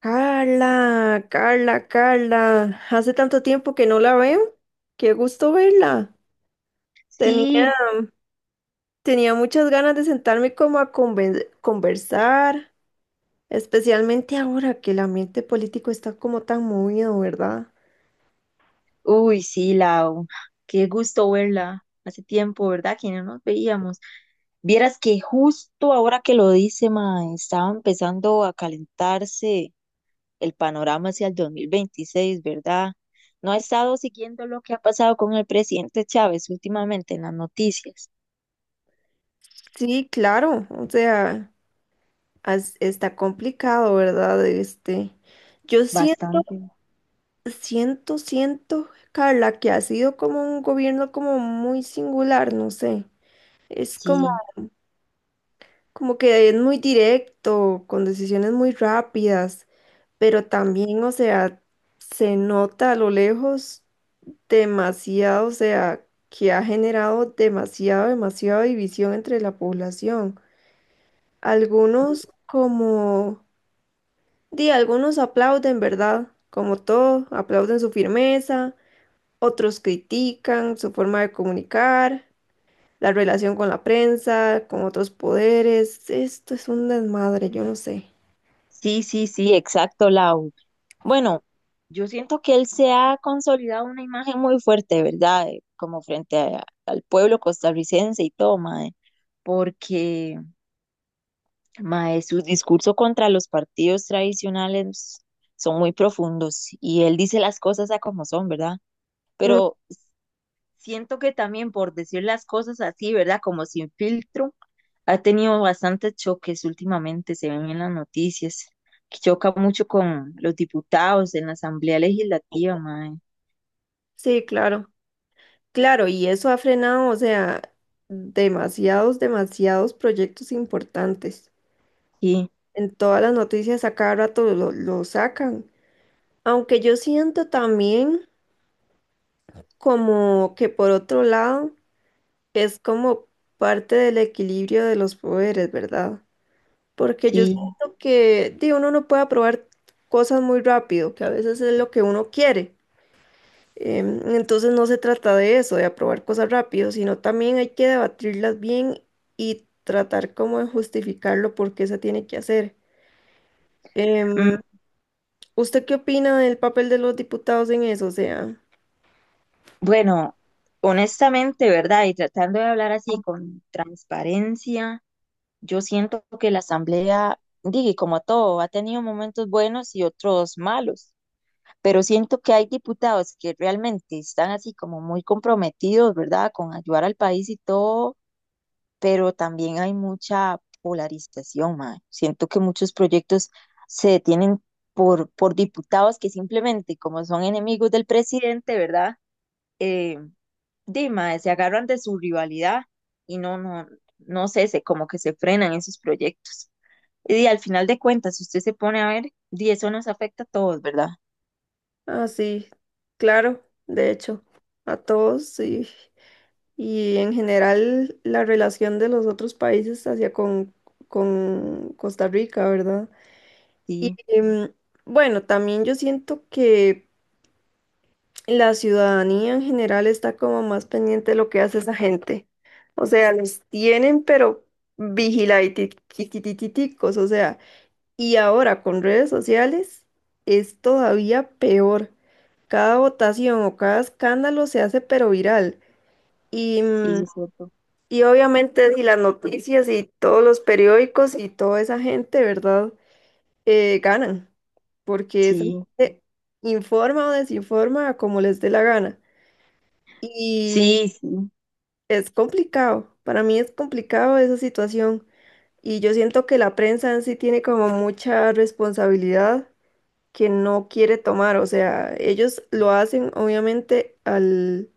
Carla, Carla, Carla, hace tanto tiempo que no la veo. Qué gusto verla. Sí, Tenía, tenía muchas ganas de sentarme como a conversar, especialmente ahora que el ambiente político está como tan movido, ¿verdad? uy, sí, Lau, qué gusto verla. Hace tiempo, ¿verdad? Que no nos veíamos. Vieras que justo ahora que lo dice, ma, estaba empezando a calentarse el panorama hacia el 2026, ¿verdad? No he estado siguiendo lo que ha pasado con el presidente Chávez últimamente en las noticias. Sí, claro, o sea, está complicado, ¿verdad? Yo Bastante. Siento, Carla, que ha sido como un gobierno como muy singular, no sé. Es como Sí, Como que es muy directo, con decisiones muy rápidas, pero también, o sea, se nota a lo lejos demasiado, o sea, que ha generado demasiado, demasiada división entre la población. Algunos como, di, algunos aplauden, ¿verdad? Como todo, aplauden su firmeza, otros critican su forma de comunicar, la relación con la prensa, con otros poderes. Esto es un desmadre, yo no sé. sí, sí, sí, exacto, Lau. Bueno, yo siento que él se ha consolidado una imagen muy fuerte, ¿verdad? Como frente al pueblo costarricense y todo, mae, porque, mae, sus discursos contra los partidos tradicionales son muy profundos y él dice las cosas a como son, ¿verdad? Pero siento que también por decir las cosas así, ¿verdad? Como sin filtro, ha tenido bastantes choques últimamente, se ven en las noticias, que choca mucho con los diputados en la Asamblea Legislativa, mae. Sí, claro, claro, y eso ha frenado, o sea, demasiados proyectos importantes. Sí, En todas las noticias a cada rato lo sacan. Aunque yo siento también como que por otro lado es como parte del equilibrio de los poderes, ¿verdad? Porque yo sí. siento que di, uno no puede aprobar cosas muy rápido, que a veces es lo que uno quiere. Entonces no se trata de eso, de aprobar cosas rápido, sino también hay que debatirlas bien y tratar como de justificarlo por qué se tiene que hacer. Em, Mm, ¿Usted qué opina del papel de los diputados en eso? O sea, bueno, honestamente, ¿verdad? Y tratando de hablar así con transparencia, yo siento que la asamblea, digo, como todo, ha tenido momentos buenos y otros malos, pero siento que hay diputados que realmente están así como muy comprometidos, ¿verdad? Con ayudar al país y todo, pero también hay mucha polarización, mae. Siento que muchos proyectos se detienen por diputados que simplemente, como son enemigos del presidente, ¿verdad? eh, di, mae, se agarran de su rivalidad y no sé, se, como que se frenan esos proyectos. Y di, al final de cuentas, si usted se pone a ver, di, eso nos afecta a todos, ¿verdad? ah, sí, claro, de hecho, a todos y en general la relación de los otros países hacia con Costa Rica, ¿verdad? Y Sí, bueno, también yo siento que la ciudadanía en general está como más pendiente de lo que hace esa gente. O sea, los tienen, pero vigiladiticos, o sea, y ahora con redes sociales es todavía peor. Cada votación o cada escándalo se hace pero viral. Y, mm, sí, es cierto. y obviamente si las noticias y todos los periódicos y toda esa gente, ¿verdad? Ganan, porque esa Sí, gente informa o desinforma como les dé la gana. Y sí, sí, es complicado, para mí es complicado esa situación. Y yo siento que la prensa en sí tiene como mucha responsabilidad que no quiere tomar. O sea, ellos lo hacen obviamente al,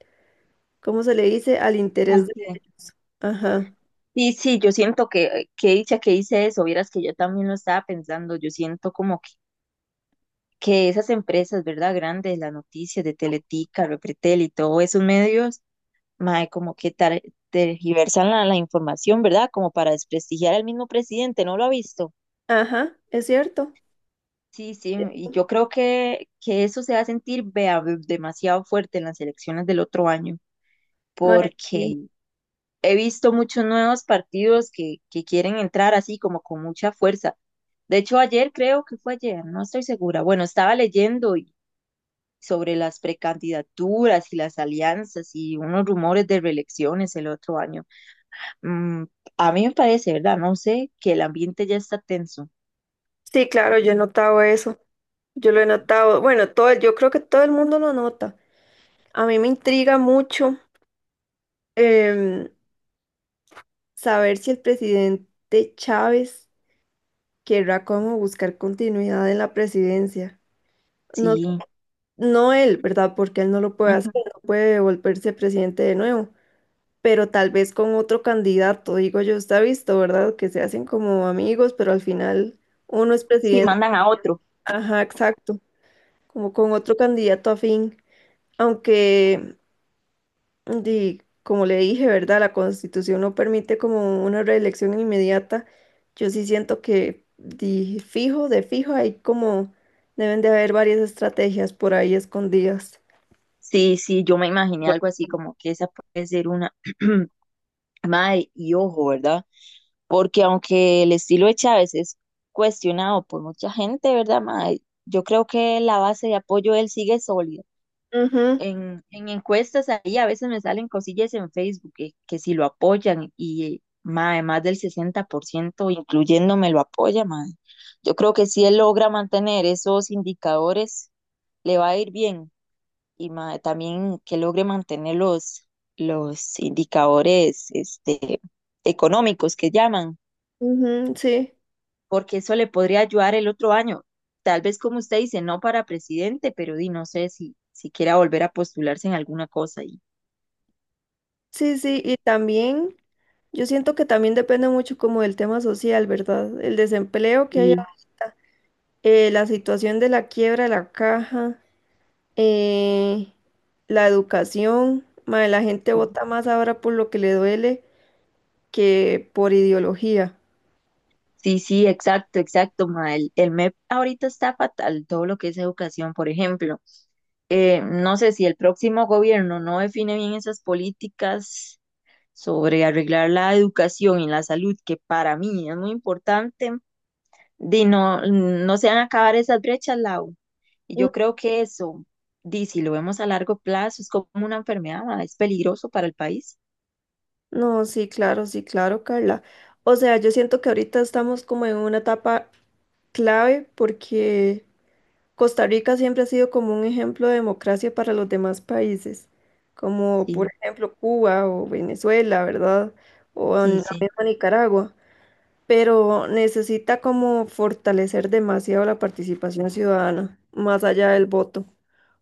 ¿cómo se le dice? Al interés al de cien. ellos. Ajá, Sí, sí, yo siento que dicha que hice eso, vieras que yo también lo estaba pensando, yo siento como que esas empresas, ¿verdad? Grandes, las noticias de Teletica, Repretel y todos esos medios, mae, como que tergiversan la información, ¿verdad? Como para desprestigiar al mismo presidente, ¿no lo ha visto? ajá, es cierto. Sí, sí, y yo creo que eso se va a sentir vea, demasiado fuerte en las elecciones del otro año, Mae, sí. porque he visto muchos nuevos partidos que quieren entrar así como con mucha fuerza. De hecho, ayer creo que fue ayer, no estoy segura. Bueno, sobre las precandidaturas y las alianzas y unos rumores de reelecciones el otro año. Mm, a mí me parece, ¿verdad? No sé, que el ambiente ya está tenso. Sí, claro, yo he notado eso. Yo lo he notado. Bueno, todo, yo creo que todo el mundo lo nota. A mí me intriga mucho. em, Saber si el presidente Chávez querrá como buscar continuidad en la presidencia. No, Sí. no él, ¿verdad? Porque él no lo puede hacer, Ujú. no puede volverse presidente de nuevo, pero tal vez con otro candidato, digo yo, está visto, ¿verdad? Que se hacen como amigos, pero al final uno es Si presidente. mandan a otro. Ajá, exacto, como con otro candidato afín. Aunque Y como le dije, ¿verdad? La Constitución no permite como una reelección inmediata. Yo sí siento que de fijo, hay como deben de haber varias estrategias por ahí escondidas. Sí, sí, yo me imaginé algo así como que esa puede ser una madre y ojo, ¿verdad? Porque aunque el estilo de Chávez es cuestionado por mucha gente, ¿verdad, mae? Yo creo que la base de apoyo de él sigue sólida. Ujú, En encuestas ahí a veces me salen cosillas en Facebook que si lo apoyan y mae, más del 60%, incluyéndome, lo apoya, mae. Yo creo que si él logra mantener esos indicadores, le va a ir bien. Y mae, también que logre mantener los indicadores este, económicos que llaman, ujú, sí, porque eso le podría ayudar el otro año. Tal vez como usted dice, no para presidente, pero di, no sé si, si quiera volver a postularse en alguna cosa. Y, sí, sí. Y también, yo siento que también depende mucho como del tema social, ¿verdad? El desempleo que hay y ahorita, la situación de la quiebra de la caja, eh, la educación. Mae, la gente vota más ahora por lo que le duele que por ideología. sí, sí, exacto, exacto, ma. El MEP ahorita está fatal, todo lo que es educación, por ejemplo. No sé si el próximo gobierno no define bien esas políticas sobre arreglar la educación y la salud, que para mí es muy importante, de no, no se van a acabar esas brechas, Lau. Y Mm, yo creo que eso, di, si lo vemos a largo plazo, es como una enfermedad, ma, es peligroso para el país. no, sí, claro, sí, claro, Carla. O sea, yo siento que ahorita estamos como en una etapa clave porque Costa Rica siempre ha sido como un ejemplo de democracia para los demás países, como por Sí, ejemplo Cuba o Venezuela, ¿verdad? O en sí, la sí. misma Nicaragua, pero necesita como fortalecer demasiado la participación ciudadana, más allá del voto.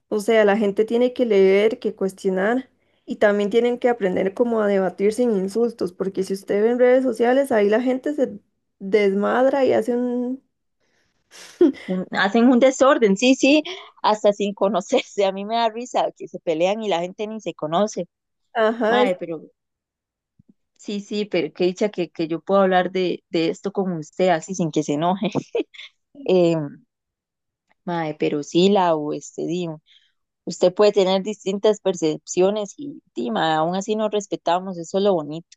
O sea, la gente tiene que leer, que cuestionar y también tienen que aprender como a debatir sin insultos, porque si usted ve en redes sociales, ahí la gente se desmadra y hace un... Hacen un desorden, sí, sí, hasta sin conocerse. A mí me da risa que se pelean y la gente ni se conoce. Ajá, es Mae, pero sí, sí, pero qué dicha que yo puedo hablar de esto con usted así sin que se enoje. Eh, mae, pero sí, Lau, este, di, usted puede tener distintas percepciones y, di, mae, aún así nos respetamos, eso es lo bonito.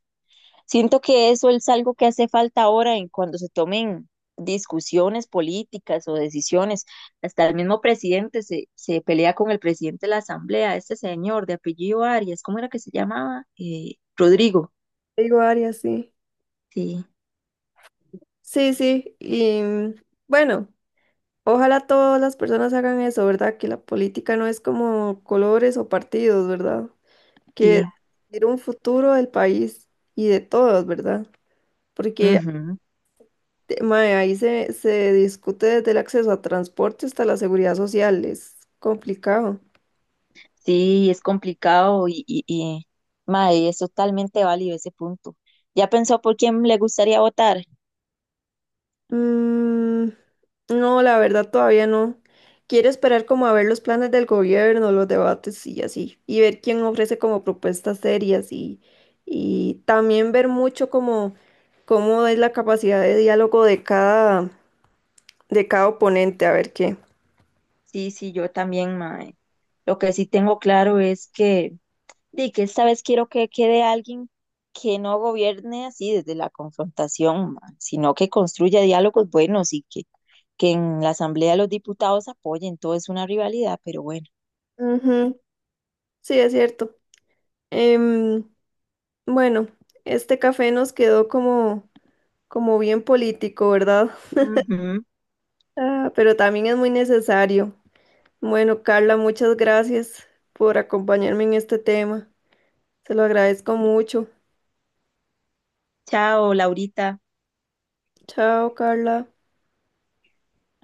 Siento que eso es algo que hace falta ahora en cuando se tomen discusiones políticas o decisiones. Hasta el mismo presidente se pelea con el presidente de la asamblea, este señor de apellido Arias, ¿cómo era que se llamaba? Rodrigo. digo Arias, sí. Sí, Sí, sí. Bueno, ojalá todas las personas hagan eso, ¿verdad? Que la política no es como colores o partidos, ¿verdad? Que sí. es un futuro del país y de todos, ¿verdad? Porque Ujú. Mae, ahí se discute desde el acceso a transporte hasta la seguridad social, es complicado. Sí, es complicado y mae, es totalmente válido ese punto. ¿Ya pensó por quién le gustaría votar? Mm, no, la verdad todavía no. Quiero esperar como a ver los planes del gobierno, los debates y así, y ver quién ofrece como propuestas serias y también ver mucho como cómo es la capacidad de diálogo de de cada oponente, a ver qué. Sí, sí, yo también, mae. Lo que sí tengo claro es que de que esta vez quiero que quede alguien que no gobierne así desde la confrontación, ma, sino que construya diálogos buenos y que en la Asamblea los diputados apoyen. Todo es una rivalidad, pero bueno. Ujú, sí, es cierto. Em, bueno, este café nos quedó como... como bien político, ¿verdad? Ujú. Ah, pero también es muy necesario. Bueno, Carla, muchas gracias por acompañarme en este tema. Se lo agradezco mucho. Chao, Laurita. Chao, Carla.